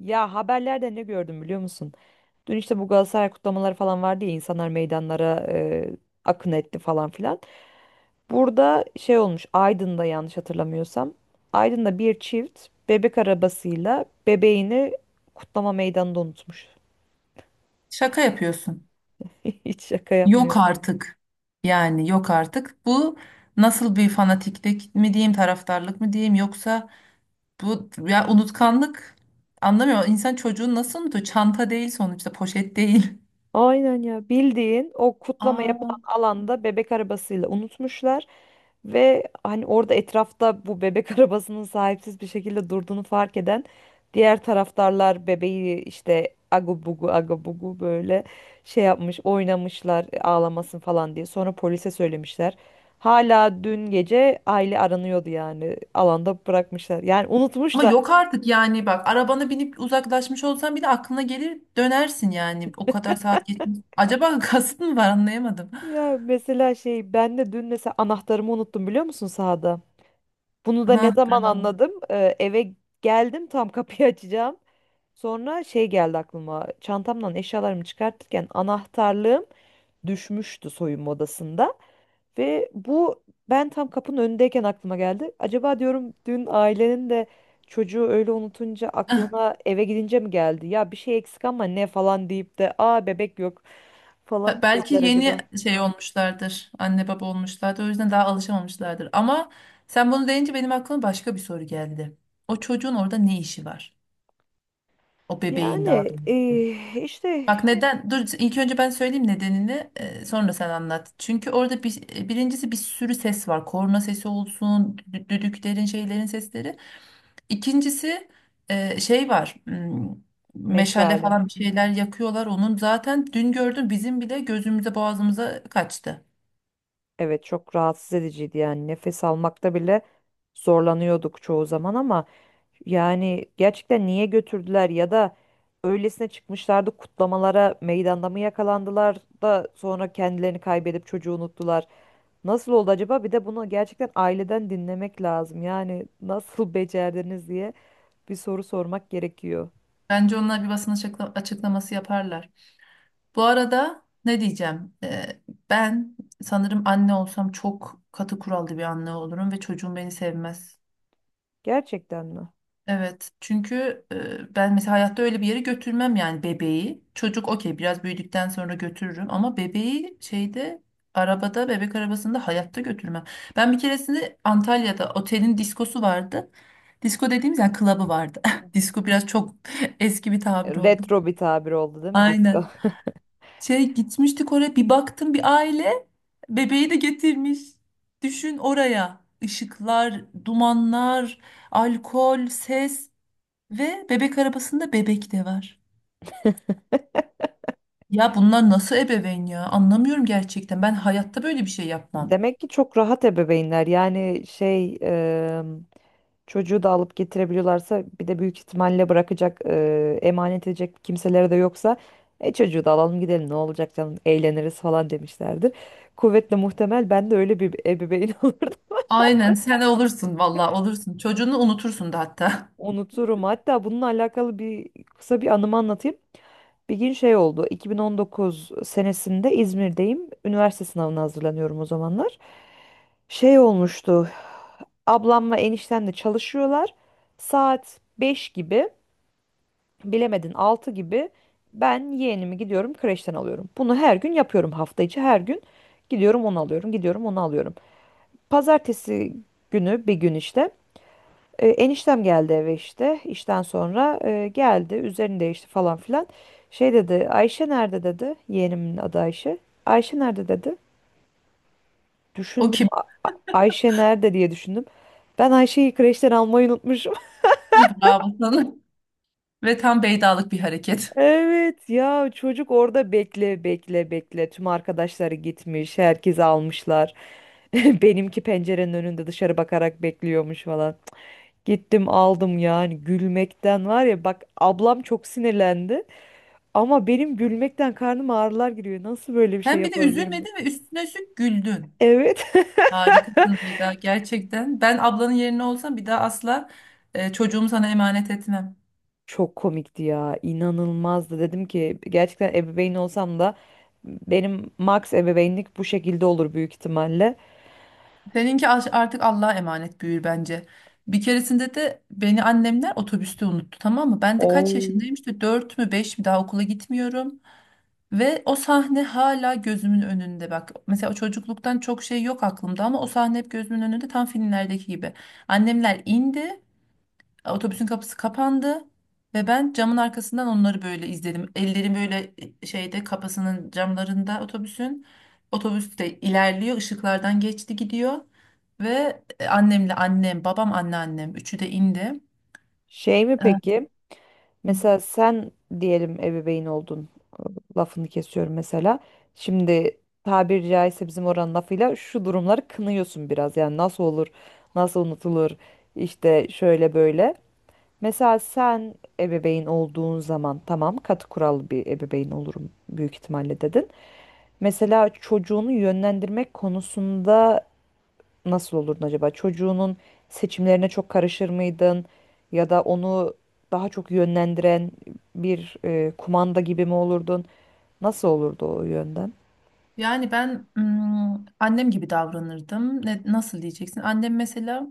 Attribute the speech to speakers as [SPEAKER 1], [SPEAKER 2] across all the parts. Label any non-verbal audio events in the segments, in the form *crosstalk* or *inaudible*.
[SPEAKER 1] Ya haberlerde ne gördüm biliyor musun? Dün işte bu Galatasaray kutlamaları falan vardı ya insanlar meydanlara akın etti falan filan. Burada şey olmuş Aydın'da yanlış hatırlamıyorsam. Aydın'da bir çift bebek arabasıyla bebeğini kutlama meydanında unutmuş.
[SPEAKER 2] Şaka yapıyorsun.
[SPEAKER 1] *laughs* Hiç şaka
[SPEAKER 2] Yok
[SPEAKER 1] yapmıyorum.
[SPEAKER 2] artık. Yani yok artık. Bu nasıl bir fanatiklik mi diyeyim, taraftarlık mı diyeyim yoksa bu ya unutkanlık anlamıyorum. İnsan çocuğun nasıl unutuyor? Çanta değil sonuçta, poşet değil.
[SPEAKER 1] Aynen ya bildiğin o kutlama
[SPEAKER 2] Aa,
[SPEAKER 1] yapılan alanda bebek arabasıyla unutmuşlar ve hani orada etrafta bu bebek *laughs* arabasının sahipsiz bir şekilde durduğunu fark eden diğer taraftarlar bebeği işte agu bugu agu bugu böyle şey yapmış oynamışlar ağlamasın falan diye sonra polise söylemişler. Hala dün gece aile aranıyordu yani alanda bırakmışlar yani
[SPEAKER 2] ama
[SPEAKER 1] unutmuşlar.
[SPEAKER 2] yok artık yani bak arabana binip uzaklaşmış olsan bile aklına gelir dönersin yani o kadar saat geçmiş. Acaba *laughs* kasıt mı var anlayamadım.
[SPEAKER 1] Ya mesela şey ben de dün mesela anahtarımı unuttum biliyor musun sahada? Bunu da ne
[SPEAKER 2] Ha,
[SPEAKER 1] zaman
[SPEAKER 2] bravo.
[SPEAKER 1] anladım? Eve geldim tam kapıyı *laughs* açacağım. Sonra şey geldi aklıma. Çantamdan eşyalarımı çıkartırken anahtarlığım düşmüştü soyunma odasında. Ve bu ben tam kapının önündeyken aklıma geldi. Acaba diyorum dün ailenin de çocuğu öyle unutunca
[SPEAKER 2] *laughs*
[SPEAKER 1] aklına eve gidince mi geldi? Ya bir şey eksik ama ne falan deyip de aa bebek yok falan
[SPEAKER 2] Ha,
[SPEAKER 1] mı
[SPEAKER 2] belki
[SPEAKER 1] dediler
[SPEAKER 2] yeni
[SPEAKER 1] acaba?
[SPEAKER 2] şey olmuşlardır. Anne baba olmuşlardır. O yüzden daha alışamamışlardır. Ama sen bunu deyince benim aklıma başka bir soru geldi. O çocuğun orada ne işi var? O bebeğin daha
[SPEAKER 1] Yani
[SPEAKER 2] doğrusu.
[SPEAKER 1] işte
[SPEAKER 2] Bak neden? Dur ilk önce ben söyleyeyim nedenini. Sonra sen anlat. Çünkü orada birincisi bir sürü ses var. Korna sesi olsun, düdüklerin, şeylerin sesleri. İkincisi şey var. Meşale
[SPEAKER 1] meşale.
[SPEAKER 2] falan bir şeyler yakıyorlar. Onun zaten dün gördüm bizim bile gözümüze boğazımıza kaçtı.
[SPEAKER 1] Evet çok rahatsız ediciydi yani nefes almakta bile zorlanıyorduk çoğu zaman ama yani gerçekten niye götürdüler ya da öylesine çıkmışlardı kutlamalara meydanda mı yakalandılar da sonra kendilerini kaybedip çocuğu unuttular. Nasıl oldu acaba? Bir de bunu gerçekten aileden dinlemek lazım. Yani nasıl *laughs* becerdiniz diye bir soru sormak gerekiyor.
[SPEAKER 2] Bence onlar bir açıklaması yaparlar. Bu arada ne diyeceğim? Ben sanırım anne olsam çok katı kurallı bir anne olurum ve çocuğum beni sevmez.
[SPEAKER 1] Gerçekten mi?
[SPEAKER 2] Evet, çünkü ben mesela hayatta öyle bir yere götürmem yani bebeği. Çocuk okey biraz büyüdükten sonra götürürüm ama bebeği arabada bebek arabasında hayatta götürmem. Ben bir keresinde Antalya'da otelin diskosu vardı. Disko dediğimiz yani klabı vardı. *laughs* Disko biraz çok *laughs* eski bir tabir oldu.
[SPEAKER 1] Retro bir tabir oldu değil mi disco?
[SPEAKER 2] Aynen.
[SPEAKER 1] *laughs*
[SPEAKER 2] Şey gitmiştik oraya bir baktım bir aile bebeği de getirmiş. Düşün oraya ışıklar, dumanlar, alkol, ses ve bebek arabasında bebek de var. Ya bunlar nasıl ebeveyn ya? Anlamıyorum gerçekten. Ben hayatta böyle bir şey yapmam.
[SPEAKER 1] Demek ki çok rahat ebeveynler. Yani şey çocuğu da alıp getirebiliyorlarsa bir de büyük ihtimalle bırakacak, emanet edecek kimseleri de yoksa çocuğu da alalım gidelim ne olacak canım eğleniriz falan demişlerdir. Kuvvetle muhtemel ben de öyle bir ebeveyn *laughs* olurdum.
[SPEAKER 2] Aynen sen olursun valla olursun. Çocuğunu unutursun da hatta. *laughs*
[SPEAKER 1] Unuturum. Hatta bununla alakalı bir kısa bir anımı anlatayım. Bir gün şey oldu. 2019 senesinde İzmir'deyim. Üniversite sınavına hazırlanıyorum o zamanlar. Şey olmuştu. Ablamla eniştem de çalışıyorlar. Saat 5 gibi. Bilemedin 6 gibi ben yeğenimi gidiyorum kreşten alıyorum. Bunu her gün yapıyorum hafta içi her gün gidiyorum onu alıyorum gidiyorum onu alıyorum. Pazartesi günü bir gün işte eniştem geldi eve işte işten sonra geldi üzerini değişti falan filan. Şey dedi Ayşe nerede dedi yeğenimin adı Ayşe. Ayşe nerede dedi.
[SPEAKER 2] O
[SPEAKER 1] Düşündüm
[SPEAKER 2] kim?
[SPEAKER 1] " Ayşe nerede" diye düşündüm. Ben Ayşe'yi kreşten almayı unutmuşum.
[SPEAKER 2] Bravo sana. Ve tam beydalık bir hareket.
[SPEAKER 1] Evet ya çocuk orada bekle bekle bekle tüm arkadaşları gitmiş herkesi almışlar. *laughs* Benimki pencerenin önünde dışarı bakarak bekliyormuş falan. Cık, gittim aldım yani gülmekten var ya bak ablam çok sinirlendi ama benim gülmekten karnım ağrılar giriyor. Nasıl böyle bir şey
[SPEAKER 2] Hem bir de
[SPEAKER 1] yapabilirim?
[SPEAKER 2] üzülmedin ve üstüne üstlük güldün.
[SPEAKER 1] Evet.
[SPEAKER 2] Harikasın Beyda gerçekten. Ben ablanın yerine olsam bir daha asla çocuğumu sana emanet etmem.
[SPEAKER 1] *laughs* Çok komikti ya inanılmazdı dedim ki gerçekten ebeveyn olsam da benim max ebeveynlik bu şekilde olur büyük ihtimalle.
[SPEAKER 2] Seninki artık Allah'a emanet büyür bence. Bir keresinde de beni annemler otobüste unuttu tamam mı? Ben de kaç
[SPEAKER 1] Oo.
[SPEAKER 2] yaşındayım işte 4 mü 5 mi daha okula gitmiyorum. Ve o sahne hala gözümün önünde bak. Mesela o çocukluktan çok şey yok aklımda ama o sahne hep gözümün önünde tam filmlerdeki gibi. Annemler indi, otobüsün kapısı kapandı ve ben camın arkasından onları böyle izledim. Ellerim böyle şeyde kapısının camlarında otobüsün. Otobüs de ilerliyor, ışıklardan geçti gidiyor ve annem, babam anneannem üçü de indi.
[SPEAKER 1] Şey mi
[SPEAKER 2] Evet.
[SPEAKER 1] peki? Mesela sen diyelim ebeveyn oldun. Lafını kesiyorum mesela. Şimdi tabiri caizse bizim oranın lafıyla şu durumları kınıyorsun biraz. Yani nasıl olur, nasıl unutulur, işte şöyle böyle. Mesela sen ebeveyn olduğun zaman tamam katı kurallı bir ebeveyn olurum büyük ihtimalle dedin. Mesela çocuğunu yönlendirmek konusunda nasıl olurdun acaba? Çocuğunun seçimlerine çok karışır mıydın? Ya da onu daha çok yönlendiren bir kumanda gibi mi olurdun? Nasıl olurdu o yönden?
[SPEAKER 2] Yani ben annem gibi davranırdım. Nasıl diyeceksin? Annem mesela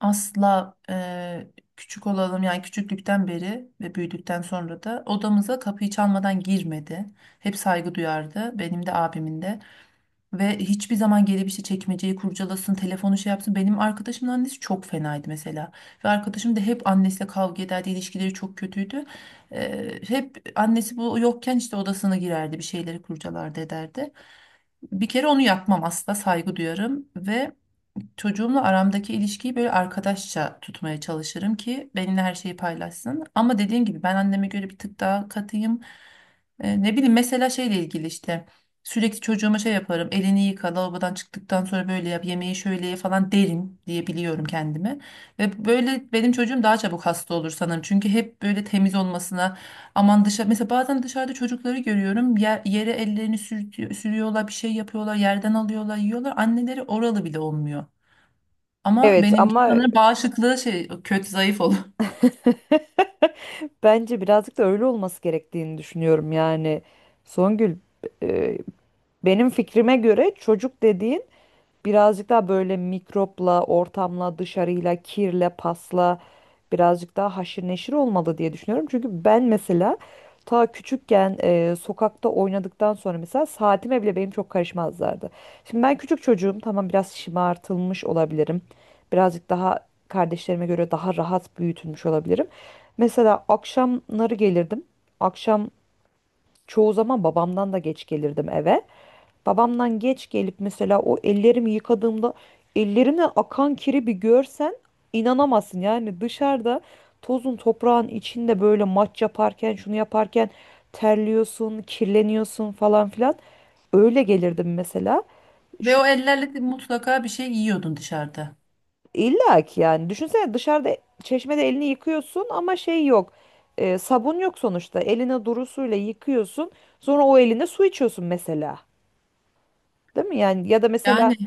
[SPEAKER 2] asla küçük olalım yani küçüklükten beri ve büyüdükten sonra da odamıza kapıyı çalmadan girmedi. Hep saygı duyardı benim de abimin de ve hiçbir zaman gelip işte çekmeceyi kurcalasın telefonu şey yapsın. Benim arkadaşımın annesi çok fenaydı mesela ve arkadaşım da hep annesiyle kavga ederdi ilişkileri çok kötüydü. Hep annesi bu yokken işte odasına girerdi bir şeyleri kurcalardı ederdi. Bir kere onu yapmam asla saygı duyarım ve çocuğumla aramdaki ilişkiyi böyle arkadaşça tutmaya çalışırım ki benimle her şeyi paylaşsın. Ama dediğim gibi ben anneme göre bir tık daha katıyım. Ne bileyim mesela şeyle ilgili işte sürekli çocuğuma şey yaparım. Elini yıka, lavabodan çıktıktan sonra böyle yap, yemeği şöyle ye falan derim diye biliyorum kendime. Ve böyle benim çocuğum daha çabuk hasta olur sanırım. Çünkü hep böyle temiz olmasına aman dışarı mesela bazen dışarıda çocukları görüyorum. Yere ellerini sürüyorlar, bir şey yapıyorlar, yerden alıyorlar, yiyorlar. Anneleri oralı bile olmuyor. Ama
[SPEAKER 1] Evet
[SPEAKER 2] benimki
[SPEAKER 1] ama
[SPEAKER 2] sanırım bağışıklığı kötü zayıf olur.
[SPEAKER 1] *laughs* bence birazcık da öyle olması gerektiğini düşünüyorum yani. Songül, e, benim fikrime göre çocuk dediğin birazcık daha böyle mikropla, ortamla, dışarıyla, kirle, pasla birazcık daha haşır neşir olmalı diye düşünüyorum. Çünkü ben mesela ta küçükken sokakta oynadıktan sonra mesela saatime bile benim çok karışmazlardı. Şimdi ben küçük çocuğum tamam biraz şımartılmış olabilirim. Birazcık daha kardeşlerime göre daha rahat büyütülmüş olabilirim. Mesela akşamları gelirdim. Akşam çoğu zaman babamdan da geç gelirdim eve. Babamdan geç gelip mesela o ellerimi yıkadığımda ellerimden akan kiri bir görsen inanamazsın. Yani dışarıda tozun toprağın içinde böyle maç yaparken şunu yaparken terliyorsun, kirleniyorsun falan filan. Öyle gelirdim mesela.
[SPEAKER 2] *laughs* Ve
[SPEAKER 1] Şu,
[SPEAKER 2] o ellerle de mutlaka bir şey yiyordun dışarıda.
[SPEAKER 1] illa ki yani düşünsene dışarıda çeşmede elini yıkıyorsun ama şey yok. E, sabun yok sonuçta. Eline duru suyla yıkıyorsun. Sonra o eline su içiyorsun mesela. Değil mi? Yani ya da mesela
[SPEAKER 2] Yani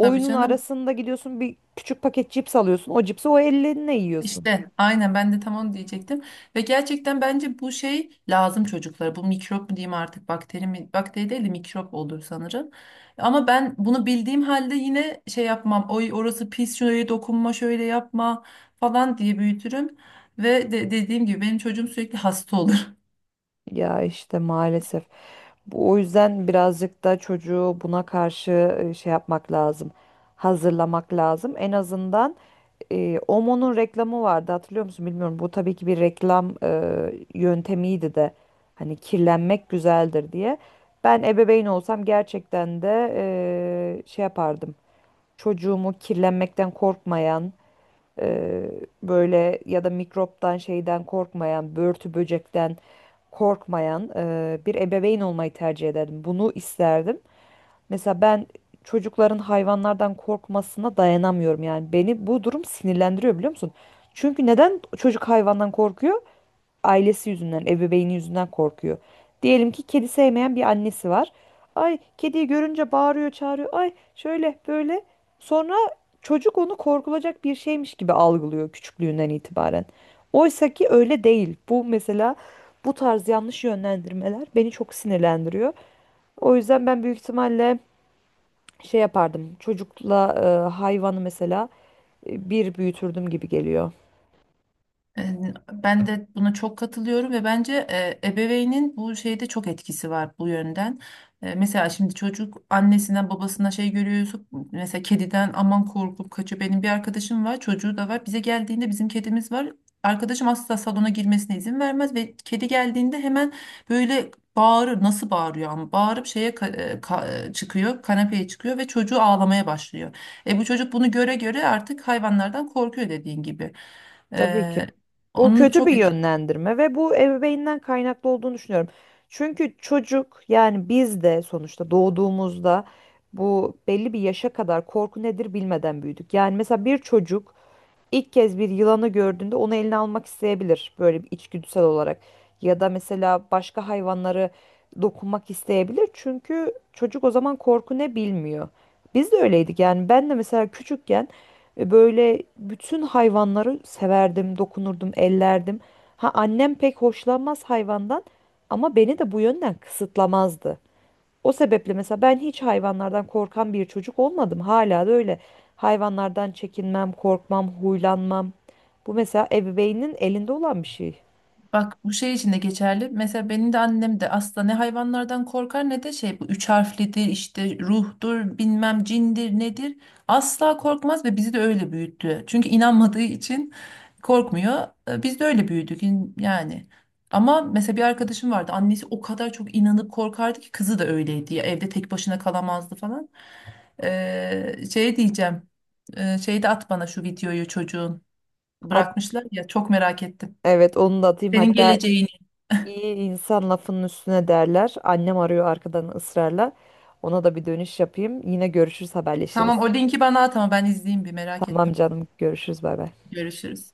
[SPEAKER 2] tabii canım.
[SPEAKER 1] arasında gidiyorsun bir küçük paket cips alıyorsun. O cipsi o elinle yiyorsun.
[SPEAKER 2] İşte aynen ben de tam onu diyecektim. Ve gerçekten bence bu şey lazım çocuklara. Bu mikrop mu diyeyim artık bakteri mi? Bakteri değil de mikrop olur sanırım. Ama ben bunu bildiğim halde yine şey yapmam. Oy orası pis şuraya dokunma şöyle yapma falan diye büyütürüm. Dediğim gibi benim çocuğum sürekli hasta olur.
[SPEAKER 1] Ya işte maalesef. Bu, o yüzden birazcık da çocuğu buna karşı şey yapmak lazım. Hazırlamak lazım. En azından OMO'nun reklamı vardı hatırlıyor musun bilmiyorum. Bu tabii ki bir reklam yöntemiydi de. Hani kirlenmek güzeldir diye. Ben ebeveyn olsam gerçekten de şey yapardım. Çocuğumu kirlenmekten korkmayan böyle ya da mikroptan şeyden korkmayan, börtü böcekten korkmayan bir ebeveyn olmayı tercih ederdim. Bunu isterdim. Mesela ben çocukların hayvanlardan korkmasına dayanamıyorum yani. Beni bu durum sinirlendiriyor biliyor musun? Çünkü neden çocuk hayvandan korkuyor? Ailesi yüzünden, ebeveyni yüzünden korkuyor. Diyelim ki kedi sevmeyen bir annesi var. Ay kediyi görünce bağırıyor, çağırıyor. Ay şöyle böyle. Sonra çocuk onu korkulacak bir şeymiş gibi algılıyor küçüklüğünden itibaren. Oysa ki öyle değil. Bu mesela bu tarz yanlış yönlendirmeler beni çok sinirlendiriyor. O yüzden ben büyük ihtimalle şey yapardım. Çocukla hayvanı mesela bir büyütürdüm gibi geliyor.
[SPEAKER 2] E, Ben de buna çok katılıyorum ve bence ebeveynin bu şeyde çok etkisi var bu yönden. Mesela şimdi çocuk annesinden babasına şey görüyorsa mesela kediden aman korkup kaçıyor. Benim bir arkadaşım var çocuğu da var bize geldiğinde bizim kedimiz var. Arkadaşım asla salona girmesine izin vermez ve kedi geldiğinde hemen böyle bağırır nasıl bağırıyor ama bağırıp şeye ka- e, ka- e, çıkıyor kanepeye çıkıyor ve çocuğu ağlamaya başlıyor. E bu çocuk bunu göre göre artık hayvanlardan korkuyor dediğin gibi.
[SPEAKER 1] Tabii ki. Bu
[SPEAKER 2] Onun
[SPEAKER 1] kötü bir
[SPEAKER 2] çok etkili.
[SPEAKER 1] yönlendirme ve bu ebeveynden kaynaklı olduğunu düşünüyorum. Çünkü çocuk yani biz de sonuçta doğduğumuzda bu belli bir yaşa kadar korku nedir bilmeden büyüdük. Yani mesela bir çocuk İlk kez bir yılanı gördüğünde onu eline almak isteyebilir böyle bir içgüdüsel olarak. Ya da mesela başka hayvanları dokunmak isteyebilir. Çünkü çocuk o zaman korku ne bilmiyor. Biz de öyleydik yani ben de mesela küçükken böyle bütün hayvanları severdim, dokunurdum, ellerdim. Ha annem pek hoşlanmaz hayvandan ama beni de bu yönden kısıtlamazdı. O sebeple mesela ben hiç hayvanlardan korkan bir çocuk olmadım. Hala da öyle. Hayvanlardan çekinmem, korkmam, huylanmam. Bu mesela ebeveynin elinde olan bir şey.
[SPEAKER 2] Bak bu şey için de geçerli. Mesela benim de annem de asla ne hayvanlardan korkar ne de şey bu üç harflidir işte ruhtur bilmem cindir nedir. Asla korkmaz ve bizi de öyle büyüttü. Çünkü inanmadığı için korkmuyor. Biz de öyle büyüdük yani. Ama mesela bir arkadaşım vardı. Annesi o kadar çok inanıp korkardı ki kızı da öyleydi. Ya, evde tek başına kalamazdı falan. Şey diyeceğim. Şey de at bana şu videoyu çocuğun.
[SPEAKER 1] Hat
[SPEAKER 2] Bırakmışlar ya çok merak ettim.
[SPEAKER 1] evet onu da atayım.
[SPEAKER 2] Senin
[SPEAKER 1] Hatta
[SPEAKER 2] geleceğini.
[SPEAKER 1] iyi insan lafının üstüne derler. Annem arıyor arkadan ısrarla. Ona da bir dönüş yapayım. Yine görüşürüz, haberleşiriz.
[SPEAKER 2] Tamam o linki bana at ama ben izleyeyim bir merak
[SPEAKER 1] Tamam
[SPEAKER 2] ettim.
[SPEAKER 1] canım, görüşürüz, bay bay.
[SPEAKER 2] Görüşürüz.